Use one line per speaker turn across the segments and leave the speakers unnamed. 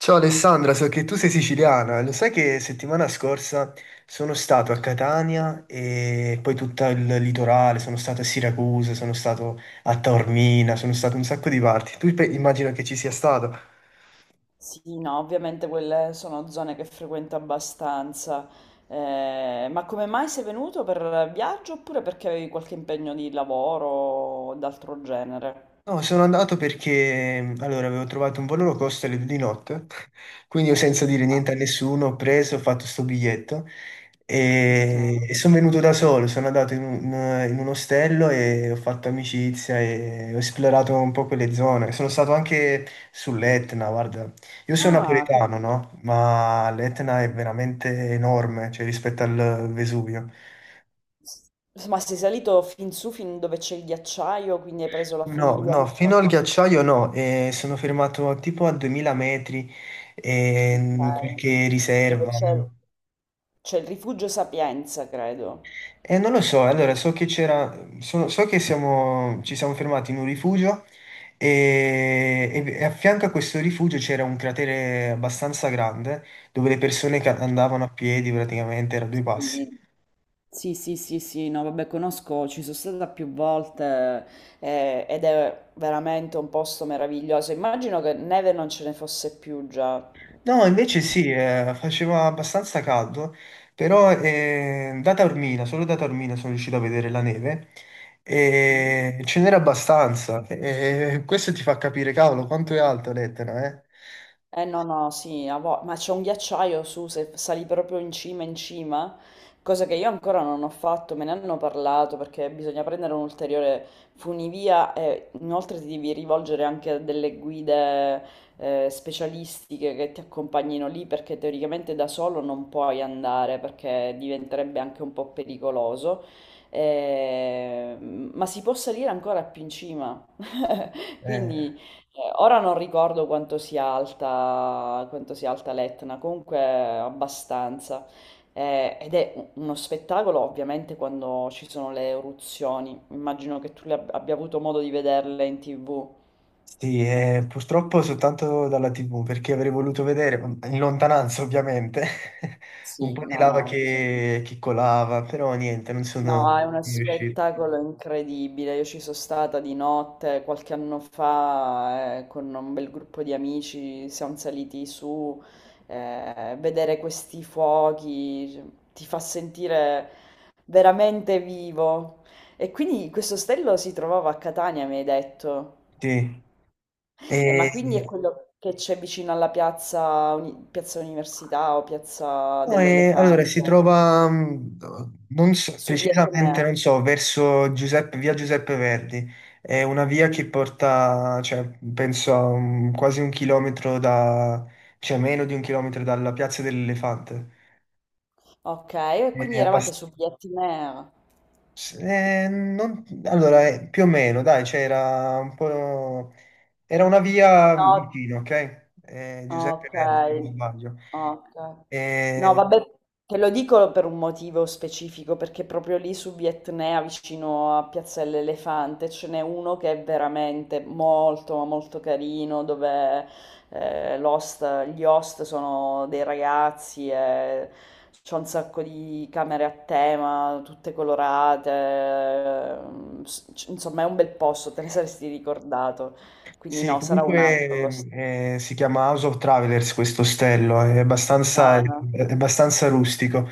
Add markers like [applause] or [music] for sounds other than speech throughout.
Ciao Alessandra, so che tu sei siciliana, lo sai che settimana scorsa sono stato a Catania e poi tutto il litorale, sono stato a Siracusa, sono stato a Taormina, sono stato in un sacco di parti. Immagino che ci sia stato.
Sì, no, ovviamente quelle sono zone che frequento abbastanza. Ma come mai sei venuto per viaggio oppure perché avevi qualche impegno di lavoro o d'altro genere?
No, sono andato perché allora avevo trovato un volo low cost alle due di notte, [laughs] quindi io senza dire niente a nessuno ho preso, ho fatto sto biglietto
Ok.
e sono venuto da solo, sono andato in un ostello e ho fatto amicizia e ho esplorato un po' quelle zone. Sono stato anche sull'Etna, guarda, io sono
Ah.
napoletano, no? Ma l'Etna è veramente enorme, cioè rispetto al Vesuvio.
Ma sei salito fin su, fin dove c'è il ghiacciaio, quindi hai preso la
No,
funivia
no,
l'ultima
fino al
volta.
ghiacciaio no, sono fermato tipo a 2000 metri in
Ok.
qualche
Dove
riserva.
c'è il rifugio Sapienza, credo.
E non lo so, allora so che c'era, so che ci siamo fermati in un rifugio e a fianco a questo rifugio c'era un cratere abbastanza grande dove le persone andavano a piedi praticamente, era due passi.
Sì. Sì, sì, sì, sì, no, vabbè, conosco, ci sono stata più volte ed è veramente un posto meraviglioso. Immagino che neve non ce ne fosse più già.
No, invece sì, faceva abbastanza caldo, però solo da Taormina sono riuscito a vedere la neve
Mhm.
e ce n'era abbastanza. E questo ti fa capire, cavolo, quanto è alto l'Etna, eh?
Eh no, no, sì, ma c'è un ghiacciaio su, se sali proprio in cima, cosa che io ancora non ho fatto, me ne hanno parlato perché bisogna prendere un ulteriore funivia e inoltre ti devi rivolgere anche a delle guide specialistiche che ti accompagnino lì perché teoricamente da solo non puoi andare perché diventerebbe anche un po' pericoloso. Ma si può salire ancora più in cima, [laughs]
Eh,
quindi. Ora non ricordo quanto sia alta l'Etna, comunque abbastanza. Ed è uno spettacolo ovviamente quando ci sono le eruzioni. Immagino che tu le abbia avuto modo di vederle in TV.
sì, purtroppo soltanto dalla TV, perché avrei voluto vedere, in lontananza ovviamente, [laughs] un
Sì,
po' di
no,
lava
no.
che colava, però niente, non
No, è
sono
uno
riuscito.
spettacolo incredibile. Io ci sono stata di notte qualche anno fa, con un bel gruppo di amici, siamo saliti su, vedere questi fuochi cioè, ti fa sentire veramente vivo. E quindi questo ostello si trovava a Catania, mi hai detto.
Sì.
Ma
E.
quindi è quello che c'è vicino alla piazza, piazza Università o piazza
No, allora, si
dell'Elefante,
trova, non so-
su Via
precisamente,
Etnea.
non so, verso via Giuseppe Verdi. È una via che porta, cioè, penso a quasi un chilometro da, cioè meno di un chilometro dalla Piazza dell'Elefante.
Okay, e quindi
È
eravate
abbast-
su Biettimer.
non- Allora, più o meno, dai, c'era un po'. Era una via
No.
vicino, ok? Giuseppe
Ok,
Verdi, se non sbaglio.
ok. No, vabbè, te lo dico per un motivo specifico, perché proprio lì su Vietnea, vicino a Piazza dell'Elefante, ce n'è uno che è veramente molto, ma molto carino, dove gli host sono dei ragazzi e c'è un sacco di camere a tema, tutte colorate, insomma è un bel posto, te ne saresti ricordato. Quindi
Sì,
no, sarà un altro lo
comunque si chiama House of Travelers questo ostello, è abbastanza, è
No, no.
abbastanza rustico,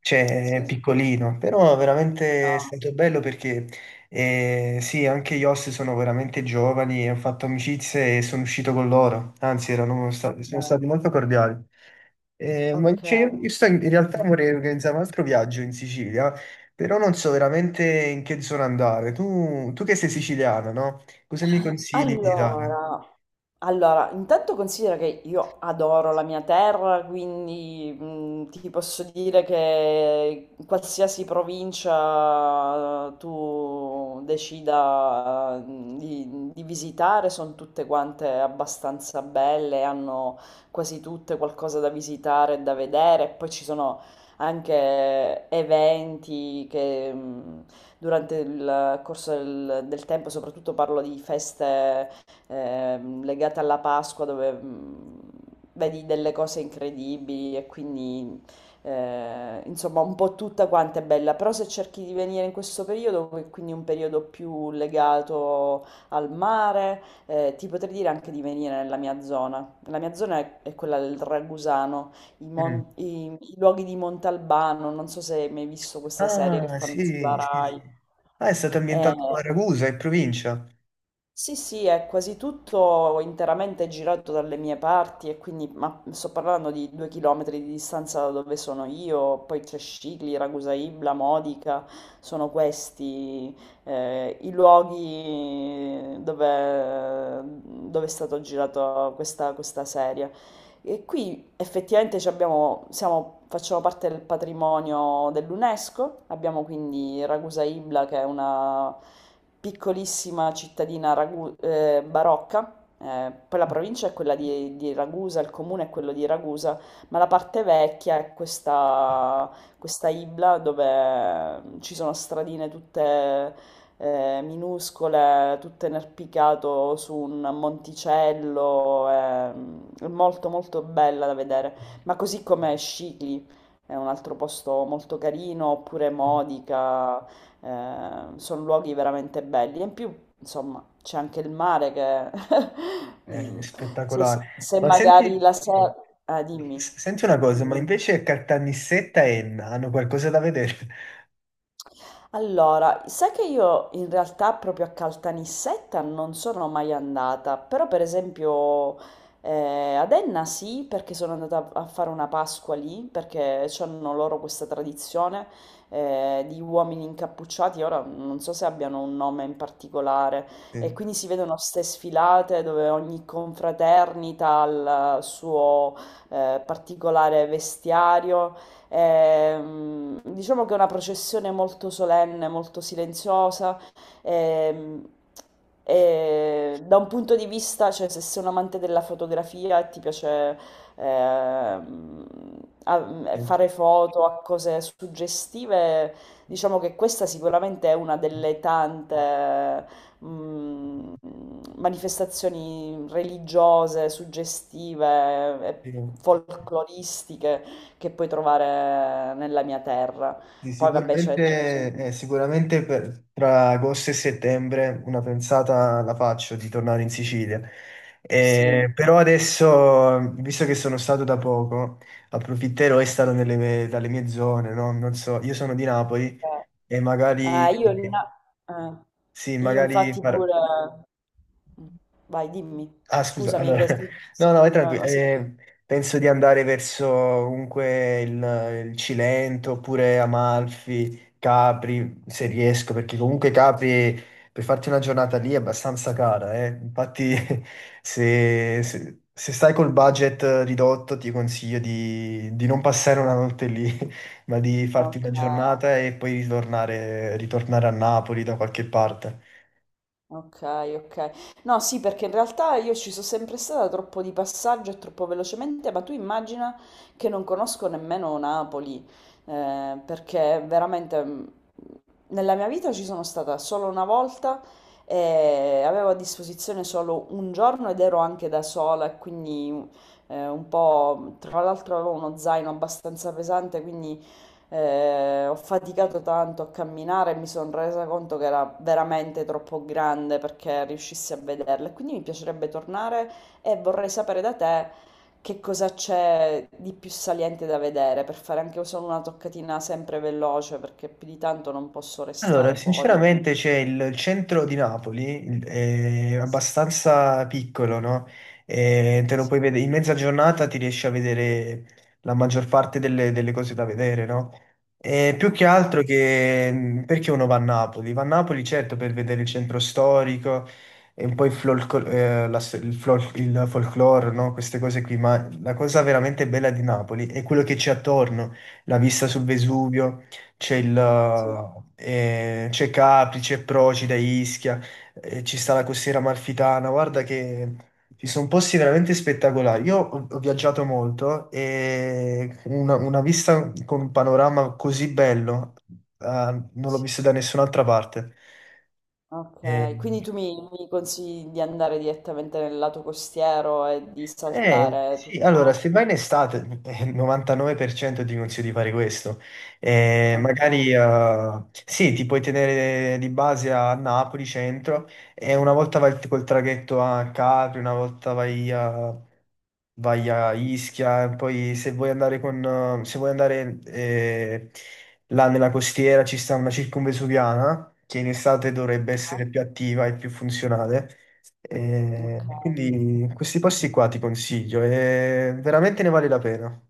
cioè è
Sì,
piccolino, però veramente è
no,
stato bello perché sì, anche gli host sono veramente giovani, e ho fatto amicizie e sono uscito con loro, anzi erano stati, sono
okay,
stati molto cordiali. Ma
okay.
cioè, io sto in realtà vorrei organizzare un altro viaggio in Sicilia, però non so veramente in che zona andare. Tu che sei siciliana, no? Cosa mi consigli di girare?
Allora allora, intanto considera che io adoro la mia terra, quindi, ti posso dire che in qualsiasi provincia tu decida, di visitare, son tutte quante abbastanza belle, hanno quasi tutte qualcosa da visitare e da vedere, e poi ci sono anche eventi che, mhmm durante il corso del tempo, soprattutto parlo di feste legate alla Pasqua dove vedi delle cose incredibili e quindi insomma un po' tutta quanta è bella, però se cerchi di venire in questo periodo, quindi un periodo più legato al mare, ti potrei dire anche di venire nella mia zona. La mia zona è quella del Ragusano, i,
Mm.
mon- i- i luoghi di Montalbano, non so se hai mai visto questa serie che
Ah,
fanno sulla
sì, sì, sì.
Rai.
Ah, è stato ambientato
Eh,
a Ragusa, in provincia.
sì, sì, è quasi tutto interamente girato dalle mie parti e quindi ma sto parlando di 2 chilometri di distanza da dove sono io, poi c'è Scicli, Ragusa Ibla, Modica, sono questi i luoghi dove, è stato girato questa serie. E qui effettivamente facciamo parte del patrimonio dell'UNESCO, abbiamo quindi Ragusa Ibla che è una piccolissima cittadina barocca. Poi la provincia è quella di Ragusa, il comune è quello di Ragusa, ma la parte vecchia è questa Ibla dove ci sono stradine tutte minuscole, tutto inarpicato su un monticello, è molto molto bella da vedere, ma così come Scicli, è un altro posto molto carino, oppure Modica, sono luoghi veramente belli. E in più, insomma, c'è anche il mare che [laughs]
È
mm, se,
spettacolare.
se
Ma senti,
magari la sera. Ah, dimmi,
senti una cosa, ma
dimmi.
invece Caltanissetta e Enna hanno qualcosa da vedere?
Allora, sai che io in realtà proprio a Caltanissetta non sono mai andata, però per esempio ad Enna sì, perché sono andata a fare una Pasqua lì, perché hanno loro questa tradizione di uomini incappucciati, ora non so se abbiano un nome in particolare, e quindi
[laughs]
si vedono ste sfilate dove ogni confraternita ha il suo particolare vestiario. Ehm, diciamo che è una processione molto solenne, molto silenziosa. ehm, e da un punto di vista, cioè, se sei un amante della fotografia e ti piace ehm,
Sì.
fare foto a cose suggestive, diciamo che questa sicuramente è una delle tante mm, manifestazioni religiose, suggestive e
Sì.
folcloristiche che puoi trovare nella mia terra.
Sì,
Poi vabbè, ce ne sono.
sicuramente, tra agosto e settembre una pensata la faccio di tornare in Sicilia.
Sì,
Però adesso, visto che sono stato da poco, approfitterò e starò
sì.
dalle mie zone, no? Non so, io sono di Napoli
Cioè, eh.
e
Ah,
magari,
eh,
sì,
io infatti pure. Vai, dimmi.
Ah, scusa,
Scusami,
allora, [laughs] no, no, vai
no,
tranquillo.
no,
Penso di andare verso comunque il Cilento oppure Amalfi, Capri, se riesco, perché comunque Capri per farti una giornata lì è abbastanza cara, eh. Infatti, [laughs] se stai col budget ridotto, ti consiglio di non passare una notte lì, [laughs] ma di farti una
Ok.
giornata e poi ritornare a Napoli da qualche parte.
Ok, ok. No, sì, perché in realtà io ci sono sempre stata troppo di passaggio e troppo velocemente, ma tu immagina che non conosco nemmeno Napoli, perché veramente nella mia vita ci sono stata solo una volta e avevo a disposizione solo un giorno ed ero anche da sola, e quindi un po', tra l'altro avevo uno zaino abbastanza pesante, quindi ho faticato tanto a camminare e mi sono resa conto che era veramente troppo grande perché riuscissi a vederla. E quindi mi piacerebbe tornare e vorrei sapere da te che cosa c'è di più saliente da vedere per fare anche solo una toccatina sempre veloce perché più di tanto non posso
Allora,
restare fuori.
sinceramente c'è il centro di Napoli, è
Sì,
abbastanza piccolo, no? E te lo
sì.
puoi vedere, in mezza giornata ti riesci a vedere la maggior parte delle cose da vedere, no? E più che
Ok,
altro che perché uno va a Napoli? Va a Napoli certo per vedere il centro storico e un po' il, folco- la sto- il, flor- il folklore, no? Queste cose qui, ma la cosa veramente bella di Napoli è quello che c'è attorno, la vista sul Vesuvio c'è il,
sì,
eh, c'è Capri, c'è Procida, Ischia, ci sta la costiera amalfitana. Guarda che ci sono posti veramente spettacolari. Io ho viaggiato molto e una vista con un panorama così bello, eh, non l'ho
sì.
visto da nessun'altra parte.
Ok, quindi
Eh,
tu mi consigli di andare direttamente nel lato costiero e di
Eh,
saltare
sì,
tutto.
allora, se vai in estate, il 99% ti consiglio di fare questo.
Ok.
Magari, sì, ti puoi tenere di base a Napoli centro e una volta vai col traghetto a Capri, una volta vai a Ischia, e poi se vuoi andare eh, se vuoi andare, eh, là nella costiera ci sta una circumvesuviana, che in estate dovrebbe
Ah,
essere più attiva e più funzionale. E
ok.
quindi questi posti qua ti consiglio, e veramente ne vale la pena.